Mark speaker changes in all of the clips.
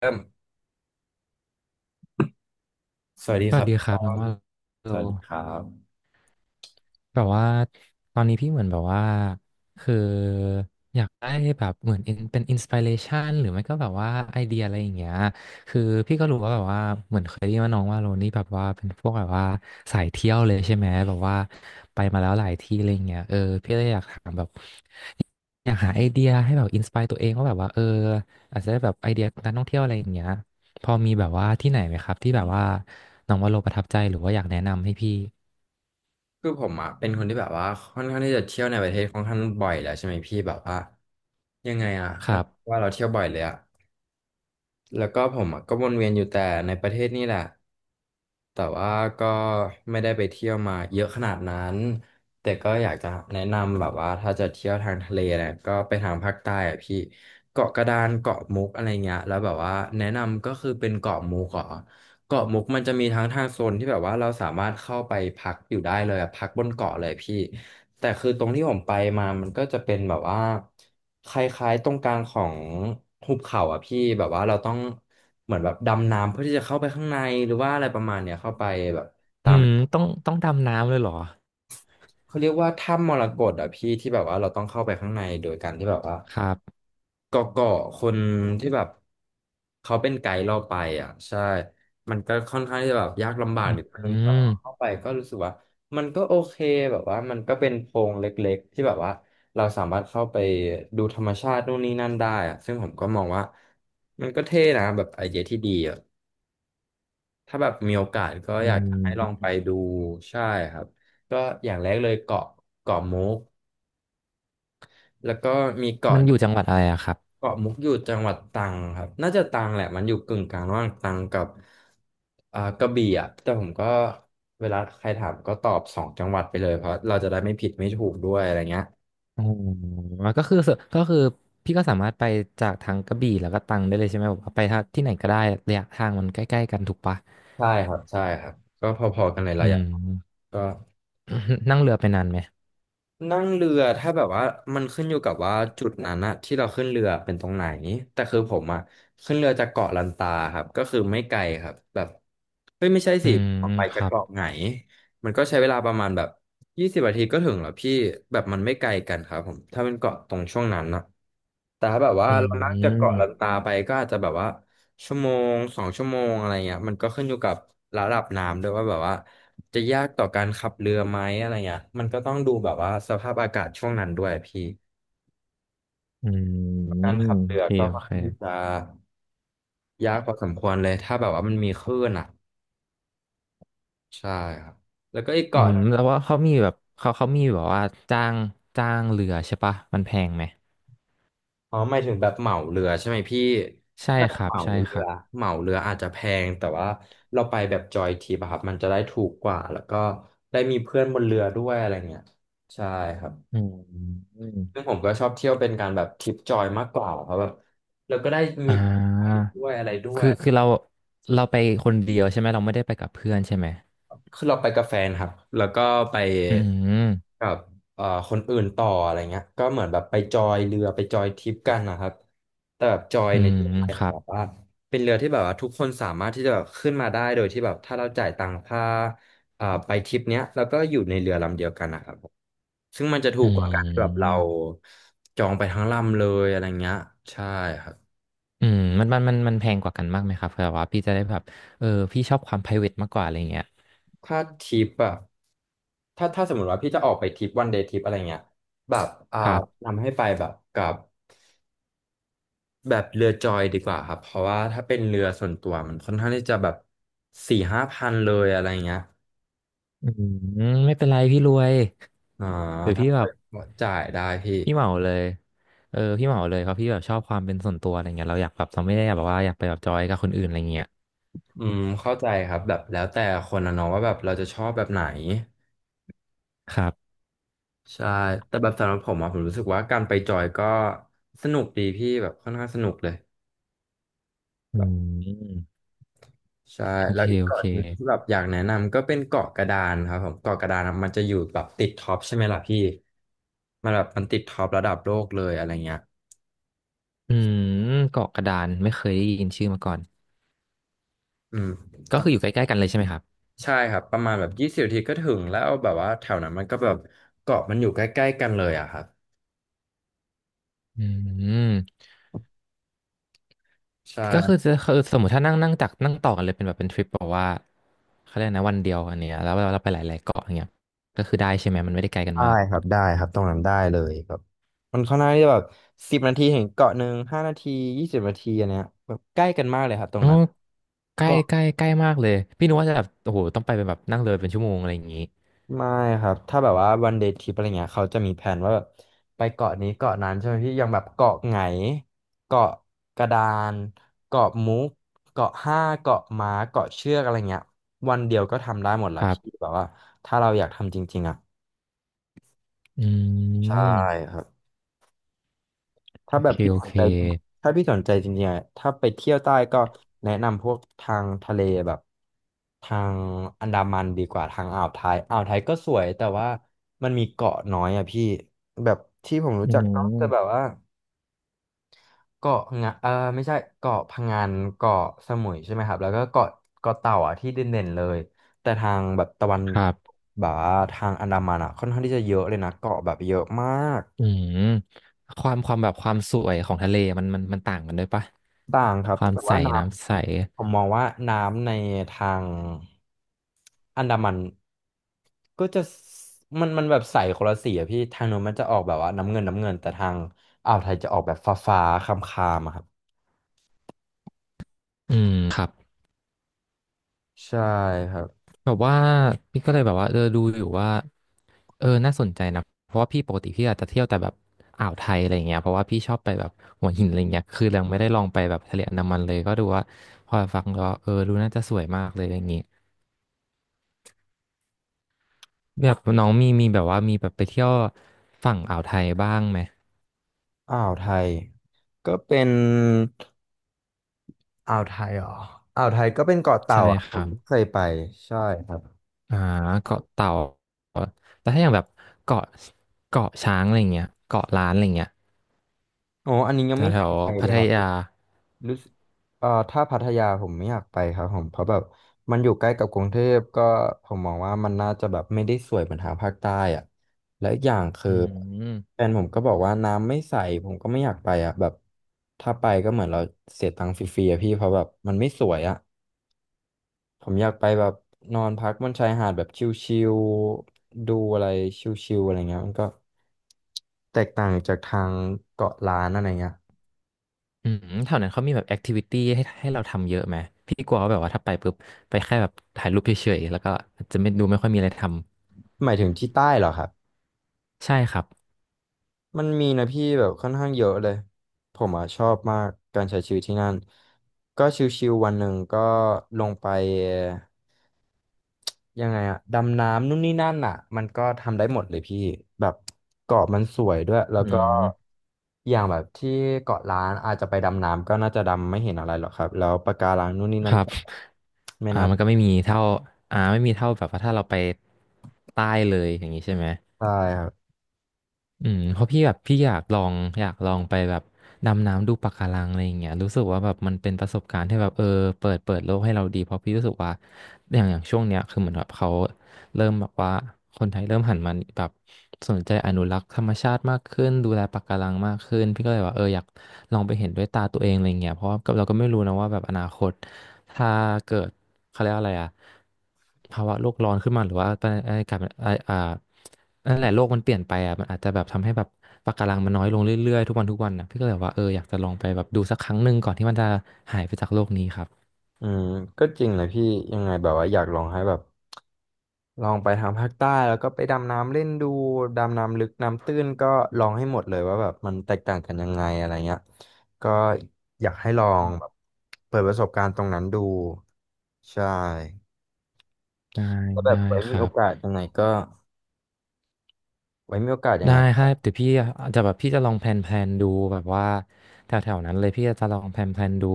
Speaker 1: เริ่มสวัสดี
Speaker 2: ส
Speaker 1: ค
Speaker 2: วั
Speaker 1: รั
Speaker 2: ส
Speaker 1: บ
Speaker 2: ดีค
Speaker 1: ต
Speaker 2: รั
Speaker 1: อ
Speaker 2: บน้อง
Speaker 1: น
Speaker 2: ว่า
Speaker 1: ส
Speaker 2: โล
Speaker 1: วัสดีครับ
Speaker 2: แบบว่าตอนนี้พี่เหมือนแบบว่าคืออยากได้แบบเหมือน เป็นอินสปิเรชันหรือไม่ก็แบบว่าไอเดียอะไรอย่างเงี้ยคือพี่ก็รู้ว่าแบบว่าเหมือนเคยได้ยินว่าน้องว่าโลนี่แบบว่าเป็นพวกแบบว่าสายเที่ยวเลยใช่ไหมแบบว่าไปมาแล้วหลายที่อะไรอย่างเงี้ยเออพี่เลยอยากถามแบบอยากหาไอเดียให้แบบอินสปายตัวเองว่าแบบว่าเอออาจจะได้แบบไอเดียการท่องเที่ยวอะไรอย่างเงี้ยพอมีแบบว่าที่ไหนไหมครับที่แบบว่าน้องว่าโลประทับใจหรือว่าอยากแนะนำให้พี่
Speaker 1: คือผมอ่ะเป็นคนที่แบบว่าค่อนข้างที่จะเที่ยวในประเทศค่อนข้างบ่อยแล้วใช่ไหมพี่แบบว่ายังไงอ่ะ
Speaker 2: ค
Speaker 1: แล้ว
Speaker 2: รับ
Speaker 1: ว่าเราเที่ยวบ่อยเลยอ่ะแล้วก็ผมอ่ะก็วนเวียนอยู่แต่ในประเทศนี่แหละแต่ว่าก็ไม่ได้ไปเที่ยวมาเยอะขนาดนั้นแต่ก็อยากจะแนะนำแบบว่าถ้าจะเที่ยวทางทะเลนะก็ไปทางภาคใต้อ่ะพี่เกาะกระดานเกาะมุกอะไรเงี้ยแล้วแบบว่าแนะนำก็คือเป็นเกาะมุกเหรอ เกาะมุกมันจะมีทั้งทางโซนที่แบบว่าเราสามารถเข้าไปพักอยู่ได้เลยอะพักบนเกาะเลยพี่แต่คือตรงที่ผมไปมามันก็จะเป็นแบบว่าคล้ายๆตรงกลางของหุบเขาอะพี่แบบว่าเราต้องเหมือนแบบดำน้ำเพื่อที่จะเข้าไปข้างในหรือว่าอะไรประมาณเนี้ยเข้าไปแบบตา
Speaker 2: อื
Speaker 1: ม
Speaker 2: มต้องดำน้ำเลยเหรอ
Speaker 1: เขาเรียกว่าถ้ำมรกตอะพี่ที่แบบว่าเราต้องเข้าไปข้างในโดยการที่แบบว่า
Speaker 2: ครับ
Speaker 1: เกาะคนที่แบบเขาเป็นไกด์เราไปอ่ะใช่มันก็ค่อนข้างที่จะแบบยากลำบากนิดนึ
Speaker 2: อื
Speaker 1: งแต่
Speaker 2: ม
Speaker 1: ว่าเข้าไปก็รู้สึกว่ามันก็โอเคแบบว่ามันก็เป็นโพรงเล็กๆที่แบบว่าเราสามารถเข้าไปดูธรรมชาตินู่นนี่นั่นได้อ่ะซึ่งผมก็มองว่ามันก็เท่นะแบบไอเดียที่ดีอ่ะถ้าแบบมีโอกาสก็
Speaker 2: อื
Speaker 1: อยากจะให้ลอง
Speaker 2: ม
Speaker 1: ไปดูใช่ครับก็อย่างแรกเลยเกาะเกาะมุกแล้วก็มี
Speaker 2: มั
Speaker 1: เกาะ
Speaker 2: นอยู่จังหวัดอะไรอะครับ
Speaker 1: เกาะมุกอยู่จังหวัดตรังครับน่าจะตรังแหละมันอยู่กึ่งกลางระหว่างตรังกับกระบี่อ่ะแต่ผมก็เวลาใครถามก็ตอบสองจังหวัดไปเลยเพราะเราจะได้ไม่ผิดไม่ถูกด้วยอะไรเงี้ย
Speaker 2: อ๋อก็คือก็คือพี่ก็สามารถไปจากทางกระบี่แล้วก็ตรังได้เลยใช่ไหมแบบว่าไปทางที่ไหนก็ได้ระยะทางมันใกล้ๆกันถูกปะ
Speaker 1: ใช่ครับใช่ครับก็พอๆกันเลย
Speaker 2: อื
Speaker 1: ระยะ
Speaker 2: ม
Speaker 1: ก็
Speaker 2: นั่งเรือไปนานไหม
Speaker 1: นั่งเรือถ้าแบบว่ามันขึ้นอยู่กับว่าจุดนั้นอะที่เราขึ้นเรือเป็นตรงไหนแต่คือผมอะขึ้นเรือจากเกาะลันตาครับก็คือไม่ไกลครับแบบเฮ้ยไม่ใช่
Speaker 2: อื
Speaker 1: สิ
Speaker 2: ม
Speaker 1: ออกไป
Speaker 2: ค
Speaker 1: จาก
Speaker 2: รับ
Speaker 1: เกาะไหนมันก็ใช้เวลาประมาณแบบ20 นาทีก็ถึงแล้วพี่แบบมันไม่ไกลกันครับผมถ้าเป็นเกาะตรงช่วงนั้นนะแต่ถ้าแบบว่า
Speaker 2: อื
Speaker 1: เรานั่งจากเกาะลั
Speaker 2: ม
Speaker 1: นตาไปก็อาจจะแบบว่าชั่วโมง2 ชั่วโมงอะไรเงี้ยมันก็ขึ้นอยู่กับระดับน้ำด้วยว่าแบบว่า จะยากต่อการขับเรือไหมอะไรเงี้ยมันก็ต้องดูแบบว่าสภาพอากาศช่วงนั้นด้วยพี่
Speaker 2: อื
Speaker 1: การ
Speaker 2: ม
Speaker 1: ขับ
Speaker 2: โอ
Speaker 1: เรือ
Speaker 2: เค
Speaker 1: ก็
Speaker 2: โอ
Speaker 1: ค่อน
Speaker 2: เค
Speaker 1: ข้างที่จะยากพอสมควรเลยถ้าแบบว่ามันมีคลื่นอ่ะใช่ครับแล้วก็อีก
Speaker 2: อื
Speaker 1: เกาะห
Speaker 2: ม
Speaker 1: นึ่ง
Speaker 2: แล้วว่าเขามีแบบเขามีแบบว่าจ้างจ้างเรือใช่ปะ มันแพงไหม
Speaker 1: อ๋อหมายถึงแบบเหมาเรือใช่ไหมพี่
Speaker 2: ใช่
Speaker 1: ถ้าแบ
Speaker 2: ค
Speaker 1: บ
Speaker 2: รั
Speaker 1: เห
Speaker 2: บ
Speaker 1: มา
Speaker 2: ใช่
Speaker 1: เรื
Speaker 2: ครั
Speaker 1: อ
Speaker 2: บ
Speaker 1: เหมาเรืออาจจะแพงแต่ว่าเราไปแบบจอยทริปอะครับมันจะได้ถูกกว่าแล้วก็ได้มีเพื่อนบนเรือด้วยอะไรเงี้ยใช่ครับ
Speaker 2: อืม
Speaker 1: ซึ่งผมก็ชอบเที่ยวเป็นการแบบทริปจอยมากกว่าเพราะแบบเราก็ได้
Speaker 2: อ่
Speaker 1: มีไป
Speaker 2: า
Speaker 1: ด้วยอะไรด้วย
Speaker 2: คือเราไปคนเดียวใช่ไหมเราไม่ได้ไปกับเพื่อนใช่ไหม
Speaker 1: คือเราไปกับแฟนครับแล้วก็ไป
Speaker 2: อืม
Speaker 1: กับเอ่อคนอื่นต่ออะไรเงี้ยก็เหมือนแบบไปจอยเรือไปจอยทริปกันนะครับแต่แบบจอย
Speaker 2: อื
Speaker 1: ใน
Speaker 2: ม
Speaker 1: ที่หมาย
Speaker 2: ค
Speaker 1: ถึง
Speaker 2: รับ
Speaker 1: แบบว่าเป็นเรือที่แบบว่าทุกคนสามารถที่จะแบบขึ้นมาได้โดยที่แบบถ้าเราจ่ายตังค่าไปทริปเนี้ยแล้วก็อยู่ในเรือลำเดียวกันนะครับผมซึ่งมันจะถู
Speaker 2: อื
Speaker 1: กกว่าการที่แบบเรา
Speaker 2: ม
Speaker 1: จองไปทั้งลำเลยอะไรเงี้ยใช่ครับ
Speaker 2: อืมมันแพงกว่ากันมากไหมครับเผื่อว่าพี่จะได้แบบเออพี่ชอบความ private มากกว่าอะไรเงี้ย
Speaker 1: ถ้าทริปอะถ้าสมมติว่าพี่จะออกไปทริปวันเดย์ทริปอะไรเงี้ยแบบ
Speaker 2: ครับ
Speaker 1: นำให้ไปแบบกับแบบเรือจอยดีกว่าครับเพราะว่าถ้าเป็นเรือส่วนตัวมันค่อนข้างที่จะแบบ4-5 พันเลยอะไรเงี้ย
Speaker 2: อืมไม่เป็นไรพี่รวย
Speaker 1: อ่า
Speaker 2: หรือ
Speaker 1: ถ้า
Speaker 2: พี่
Speaker 1: ไป
Speaker 2: แบบ
Speaker 1: จ่ายได้พี่
Speaker 2: พี่เหมาเลยเออพี่เหมาเลยเพราะพี่แบบชอบความเป็นส่วนตัวอะไรเงี้ยเราอยากแบบเราไม่ได้แบบว่าอยากไปแบบจอยกับคนอื่นอะไรเงี้ย
Speaker 1: อืมเข้าใจครับแบบแล้วแต่คนนะเนาะว่าแบบเราจะชอบแบบไหน
Speaker 2: ครับ
Speaker 1: ใช่แต่แบบสำหรับผมอะผมรู้สึกว่าการไปจอยก็สนุกดีพี่แบบค่อนข้างสนุกเลย
Speaker 2: อืม
Speaker 1: ใช่
Speaker 2: โอ
Speaker 1: แล้ว
Speaker 2: เค
Speaker 1: อีก
Speaker 2: โอ
Speaker 1: เกาะ
Speaker 2: เค
Speaker 1: หนึงที่แบบอยากแนะนำก็เป็นเกาะกระดานครับผมเกาะกระดานอะมันจะอยู่แบบติดท็อปใช่ไหมล่ะพี่มันแบบมันติดท็อประดับโลกเลยอะไรเงี้ย
Speaker 2: อืมเกาะกระดานไม่เคยได้ยินชื่อมาก่อน
Speaker 1: อืม
Speaker 2: ก็
Speaker 1: ต้อ
Speaker 2: คื
Speaker 1: ง
Speaker 2: ออยู่ใกล้ๆกันเลยใช่ไหมครับ
Speaker 1: ใช่ครับประมาณแบบยี่สิบนาทีก็ถึงแล้วแบบว่าแถวนั้นมันก็แบบเกาะมันอยู่ใกล้ๆกันเลยอะครับ
Speaker 2: อืมก็คือ
Speaker 1: ใช่
Speaker 2: จะคือสมมติถ้านั่งนั่งจากนั่งต่อกันเลยเป็นแบบเป็นทริปบอกว่าเขาเรียกนะวันเดียวอันเนี้ยแล้วเราไปหลายๆเกาะอย่างเงี้ยก็คือได้ใช่ไหมมันไม่ได้ไกลกัน
Speaker 1: ได้
Speaker 2: มาก
Speaker 1: ครับได้ครับตรงนั้นได้เลยแบบมันค่อนข้างที่จะแบบสิบนาทีเหึงเกาะหนึ่ง5 นาทียี่สิบนาทีอันเนี้ยแบบใกล้กันมากเลยครับตรง
Speaker 2: อ๋อ
Speaker 1: นั้น
Speaker 2: ใกล้ใกล้ใกล้มากเลยพี่นึกว่าจะแบบโอ้โหต้องไปเป็นแบบนั่งเรือเป็นชั่วโมงอะไรอย่างงี้
Speaker 1: ไม่ครับ ถ้าแบบว่าวันเด y t ทริปอะไรเงี้ยเขาจะมีแผนว่าแบบไปเกาะนี้เกาะนั้นใช่ไหมพี่อย่างแบบเกาะไหงเกาะกระดานเกาะมุกเกาะห้าเกาะม้าเกาะเชือกอะไรเงี้ยวันเดียวก็ทำได้หมดละ
Speaker 2: ครั
Speaker 1: พี่
Speaker 2: บ
Speaker 1: แบบว่าถ้าเราอยากทำจริงๆอ่ะ
Speaker 2: อื
Speaker 1: ใช่
Speaker 2: ม
Speaker 1: ครับ ถ้า
Speaker 2: โอ
Speaker 1: แบบ
Speaker 2: เค
Speaker 1: พี่
Speaker 2: โอ
Speaker 1: สน
Speaker 2: เค
Speaker 1: ใจจริงถ้าพี่สนใจจริงๆอะถ้าไปเที่ยวใต้ก็แนะนำพวกทางทะเลแบบทางอันดามันดีกว่าทางอ่าวไทยอ่าวไทยก็สวยแต่ว่ามันมีเกาะน้อยอ่ะพี่แบบที่ผมรู้
Speaker 2: อื
Speaker 1: จักก็จะแบบ
Speaker 2: ม
Speaker 1: ว่าเกาะงะเออไม่ใช่เกาะพะงันเกาะสมุยใช่ไหมครับแล้วก็เกาะเต่าอ่ะที่เด่นๆเลยแต่ทางแบบตะวัน
Speaker 2: ครับ
Speaker 1: แบบว่าทางอันดามันอ่ะค่อนข้างที่จะเยอะเลยนะเกาะแบบเยอะมาก
Speaker 2: อืมความความแบบความสวยของทะเลมันต่างกันด้วยปะ
Speaker 1: ต่างครับ
Speaker 2: ความ
Speaker 1: แต่
Speaker 2: ใส
Speaker 1: ว่าน้
Speaker 2: น้ำใส
Speaker 1: ำผมมองว่าน้ำในทางอันดามันก็จะมันแบบใสคนละสีอะพี่ทางโน้นมันจะออกแบบว่าน้ำเงินน้ำเงินแต่ทางอ่าวไทยจะออกแบบฟ้าฟ้าคามคามๆอะครับ
Speaker 2: อืมครับ
Speaker 1: ใช่ครับ
Speaker 2: แบบว่าพี่ก็เลยแบบว่าเออดูอยู่ว่าเออน่าสนใจนะเพราะว่าพี่ปกติพี่อาจจะเที่ยวแต่แบบอ่าวไทยอะไรเงี้ยเพราะว่าพี่ชอบไปแบบหัวหินอะไรเงี้ยคือยังไม่ได้ลองไปแบบทะเลอันดามันเลยก็ดูว่าพอฟังก็เออดูน่าจะสวยมากเลยอย่างงี้แบบน้องมีแบบว่ามีแบบไปเที่ยวฝั่งอ่าวไทยบ้างไหม
Speaker 1: อ่าวไทยก็เป็นอ่าวไทยเหรออ่าวไทยก็เป็นเกาะเต่า
Speaker 2: ใช่
Speaker 1: อะ
Speaker 2: ค
Speaker 1: ผ
Speaker 2: รั
Speaker 1: ม
Speaker 2: บ
Speaker 1: เคยไปใช่ครับ
Speaker 2: อ่าเกาะเต่าแต่ถ้าอย่างแบบเกาะเกาะช้างอะไรเงี้ยเกาะล้านอะไรเงี้ย
Speaker 1: โอ้อันนี้ยัง
Speaker 2: แถ
Speaker 1: ไม่
Speaker 2: วแถ
Speaker 1: เค
Speaker 2: ว
Speaker 1: ยไปเล
Speaker 2: พั
Speaker 1: ย
Speaker 2: ท
Speaker 1: ครับ
Speaker 2: ยา
Speaker 1: รู้สึกถ้าพัทยาผมไม่อยากไปครับผมเพราะแบบมันอยู่ใกล้กับกรุงเทพก็ผมมองว่ามันน่าจะแบบไม่ได้สวยเหมือนทางภาคใต้อ่ะและอีกอย่างคื
Speaker 2: อื
Speaker 1: อ
Speaker 2: ม
Speaker 1: แฟนผมก็บอกว่าน้ำไม่ใสผมก็ไม่อยากไปอ่ะแบบถ้าไปก็เหมือนเราเสียตังค์ฟรีๆอะพี่เพราะแบบมันไม่สวยอ่ะผมอยากไปแบบนอนพักบนชายหาดแบบชิลๆดูอะไรชิลๆอะไรเงี้ยมันก็แตกต่างจากทางเกาะล้านอะไรเงี้ย
Speaker 2: อืมแถวนั้นเขามีแบบแอคทิวิตี้ให้เราทำเยอะไหมพี่กลัวว่าแบบว่าถ้าไปปุ๊บไปแค่แบบถ่ายรูปเฉยๆแล้วก็จะไม่ดูไม่ค่อยมีอะไรท
Speaker 1: หมายถึงที่ใต้เหรอครับ
Speaker 2: ำใช่ครับ
Speaker 1: มันมีนะพี่แบบค่อนข้างเยอะเลยผมอ่ะชอบมากการใช้ชีวิตที่นั่นก็ชิวๆวันหนึ่งก็ลงไปยังไงอะดำน้ำนู่นนี่นั่นอ่ะมันก็ทำได้หมดเลยพี่แบบเกาะมันสวยด้วยแล้ว
Speaker 2: อื
Speaker 1: ก็
Speaker 2: ม
Speaker 1: อย่างแบบที่เกาะล้านอาจจะไปดำน้ำก็น่าจะดำไม่เห็นอะไรหรอกครับแล้วปะการังนู่นนี่นั่
Speaker 2: ค
Speaker 1: น
Speaker 2: รับ
Speaker 1: ก็ไม่
Speaker 2: อ่า
Speaker 1: น่า
Speaker 2: มันก็ไม่มีเท่าไม่มีเท่าแบบว่าถ้าเราไปใต้เลยอย่างนี้ใช่ไหม
Speaker 1: ใช่ครับ
Speaker 2: อืมเพราะพี่แบบพี่อยากลองอยากลองไปแบบดำน้ำดูปะการังอะไรอย่างเงี้ยรู้สึกว่าแบบมันเป็นประสบการณ์ที่แบบเออเปิดโลกให้เราดีเพราะพี่รู้สึกว่าอย่างช่วงเนี้ยคือเหมือนแบบเขาเริ่มแบบว่าคนไทยเริ่มหันมาแบบสนใจอนุรักษ์ธรรมชาติมากขึ้นดูแลปะการังมากขึ้นพี่ก็เลยว่าเอออยากลองไปเห็นด้วยตาตัวเองอะไรเงี้ยเพราะว่าเราก็ไม่รู้นะว่าแบบอนาคตถ้าเกิดเขาเรียกว่าอะไรอะภาวะโลกร้อนขึ้นมาหรือว่าอะไรกลายเป็นอ่า นั่นแหละโลกมันเปลี่ยนไปอ่ะมันอาจจะแบบทำให้แบบปะการังมันน้อยลงเรื่อยๆทุกวันทุกวันนะพี่ก็เลยแบบว่าเอออยากจะลองไปแบบดูสักครั้งหนึ่งก่อนที่มันจะหายไปจากโลกนี้ครับ
Speaker 1: อืมก็จริงเลยพี่ยังไงแบบว่าอยากลองให้แบบ ลองไปทางภาคใต้แล้วก็ไปดำน้ำเล่นดูดำน้ำลึกน้ำตื้นก็ลองให้หมดเลยว่าแบบมันแตกต่างกันยังไงอะไรเงี้ยก็อยากให้ลองแบบเปิดประสบการณ์ตรงนั้นดูใช่
Speaker 2: ได้
Speaker 1: ก็แบ
Speaker 2: ได้
Speaker 1: บไว้
Speaker 2: ค
Speaker 1: มี
Speaker 2: รั
Speaker 1: โอ
Speaker 2: บ
Speaker 1: กาสยังไงก็ไว้มีโอกาสยัง
Speaker 2: ได้
Speaker 1: ไง
Speaker 2: ค
Speaker 1: ก็
Speaker 2: รับเดี๋ยวพี่อาจจะแบบพี่จะลองแพลนแพลนดูแบบว่าแถวๆนั้นเลยพี่จะลองแพลนแพลนดู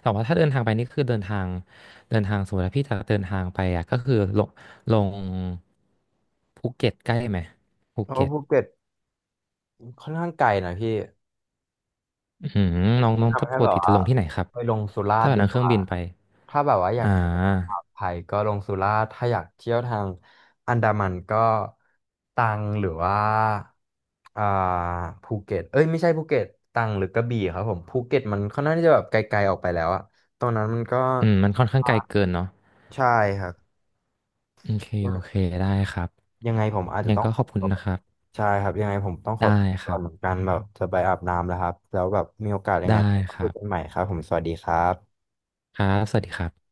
Speaker 2: แต่ว่าถ้าเดินทางไปนี่คือเดินทางเดินทางสมมติว่าพี่จะเดินทางไปอ่ะก็คือลงลงภูเก็ตใกล้ไหมภู
Speaker 1: เพราะว่า
Speaker 2: เก็ต
Speaker 1: ภูเก็ตค่อนข้างไกลนะพี่
Speaker 2: อืมน้องน้องจะ
Speaker 1: ทำให้
Speaker 2: ปก
Speaker 1: แบบ
Speaker 2: ติจะ
Speaker 1: ว่า
Speaker 2: ลงที่ไหนครับ
Speaker 1: ไปลงสุราษ
Speaker 2: ถ้า
Speaker 1: ฎ
Speaker 2: แบ
Speaker 1: ร์
Speaker 2: บ
Speaker 1: ดี
Speaker 2: นั่ง
Speaker 1: ก
Speaker 2: เครื่อง
Speaker 1: ว่า
Speaker 2: บินไป
Speaker 1: ถ้าแบบว่าอยา
Speaker 2: อ่า
Speaker 1: กเที่ยวทางอ่าวไทยก็ลงสุราษฎร์ถ้าอยากเที่ยวทางอันดามันก็ตรังหรือว่าอ่าภูเก็ตเอ้ยไม่ใช่ภูเก็ตตรังหรือกระบี่ครับผมภูเก็ตมันค่อนข้างที่จะแบบไกลๆออกไปแล้วอะตอนนั้นมันก็
Speaker 2: อืมมันค่อนข้าง
Speaker 1: อ่า
Speaker 2: ไกลเกินเนาะ
Speaker 1: ใช่ครับ
Speaker 2: โอเคโอเคได้ครับ
Speaker 1: ยังไงผมอาจ
Speaker 2: ยัง
Speaker 1: จะ
Speaker 2: ไง
Speaker 1: ต้อง
Speaker 2: ก็
Speaker 1: ข
Speaker 2: ข
Speaker 1: อ
Speaker 2: อบคุณ
Speaker 1: ตัวไป
Speaker 2: นะครับ
Speaker 1: ใช่ครับยังไงผมต้องข
Speaker 2: ได้
Speaker 1: อตัว
Speaker 2: ค
Speaker 1: ก่
Speaker 2: รั
Speaker 1: อนเหมือ
Speaker 2: บ
Speaker 1: นกันแบบจะไปอาบน้ำแล้วครับแล้วแบบมีโอกาสยัง
Speaker 2: ได้
Speaker 1: ไงเราก็
Speaker 2: ค
Speaker 1: คุ
Speaker 2: รั
Speaker 1: ยกันให
Speaker 2: บ
Speaker 1: ม่ครับผมสวัสดีครับ
Speaker 2: ครับสวัสดีครับ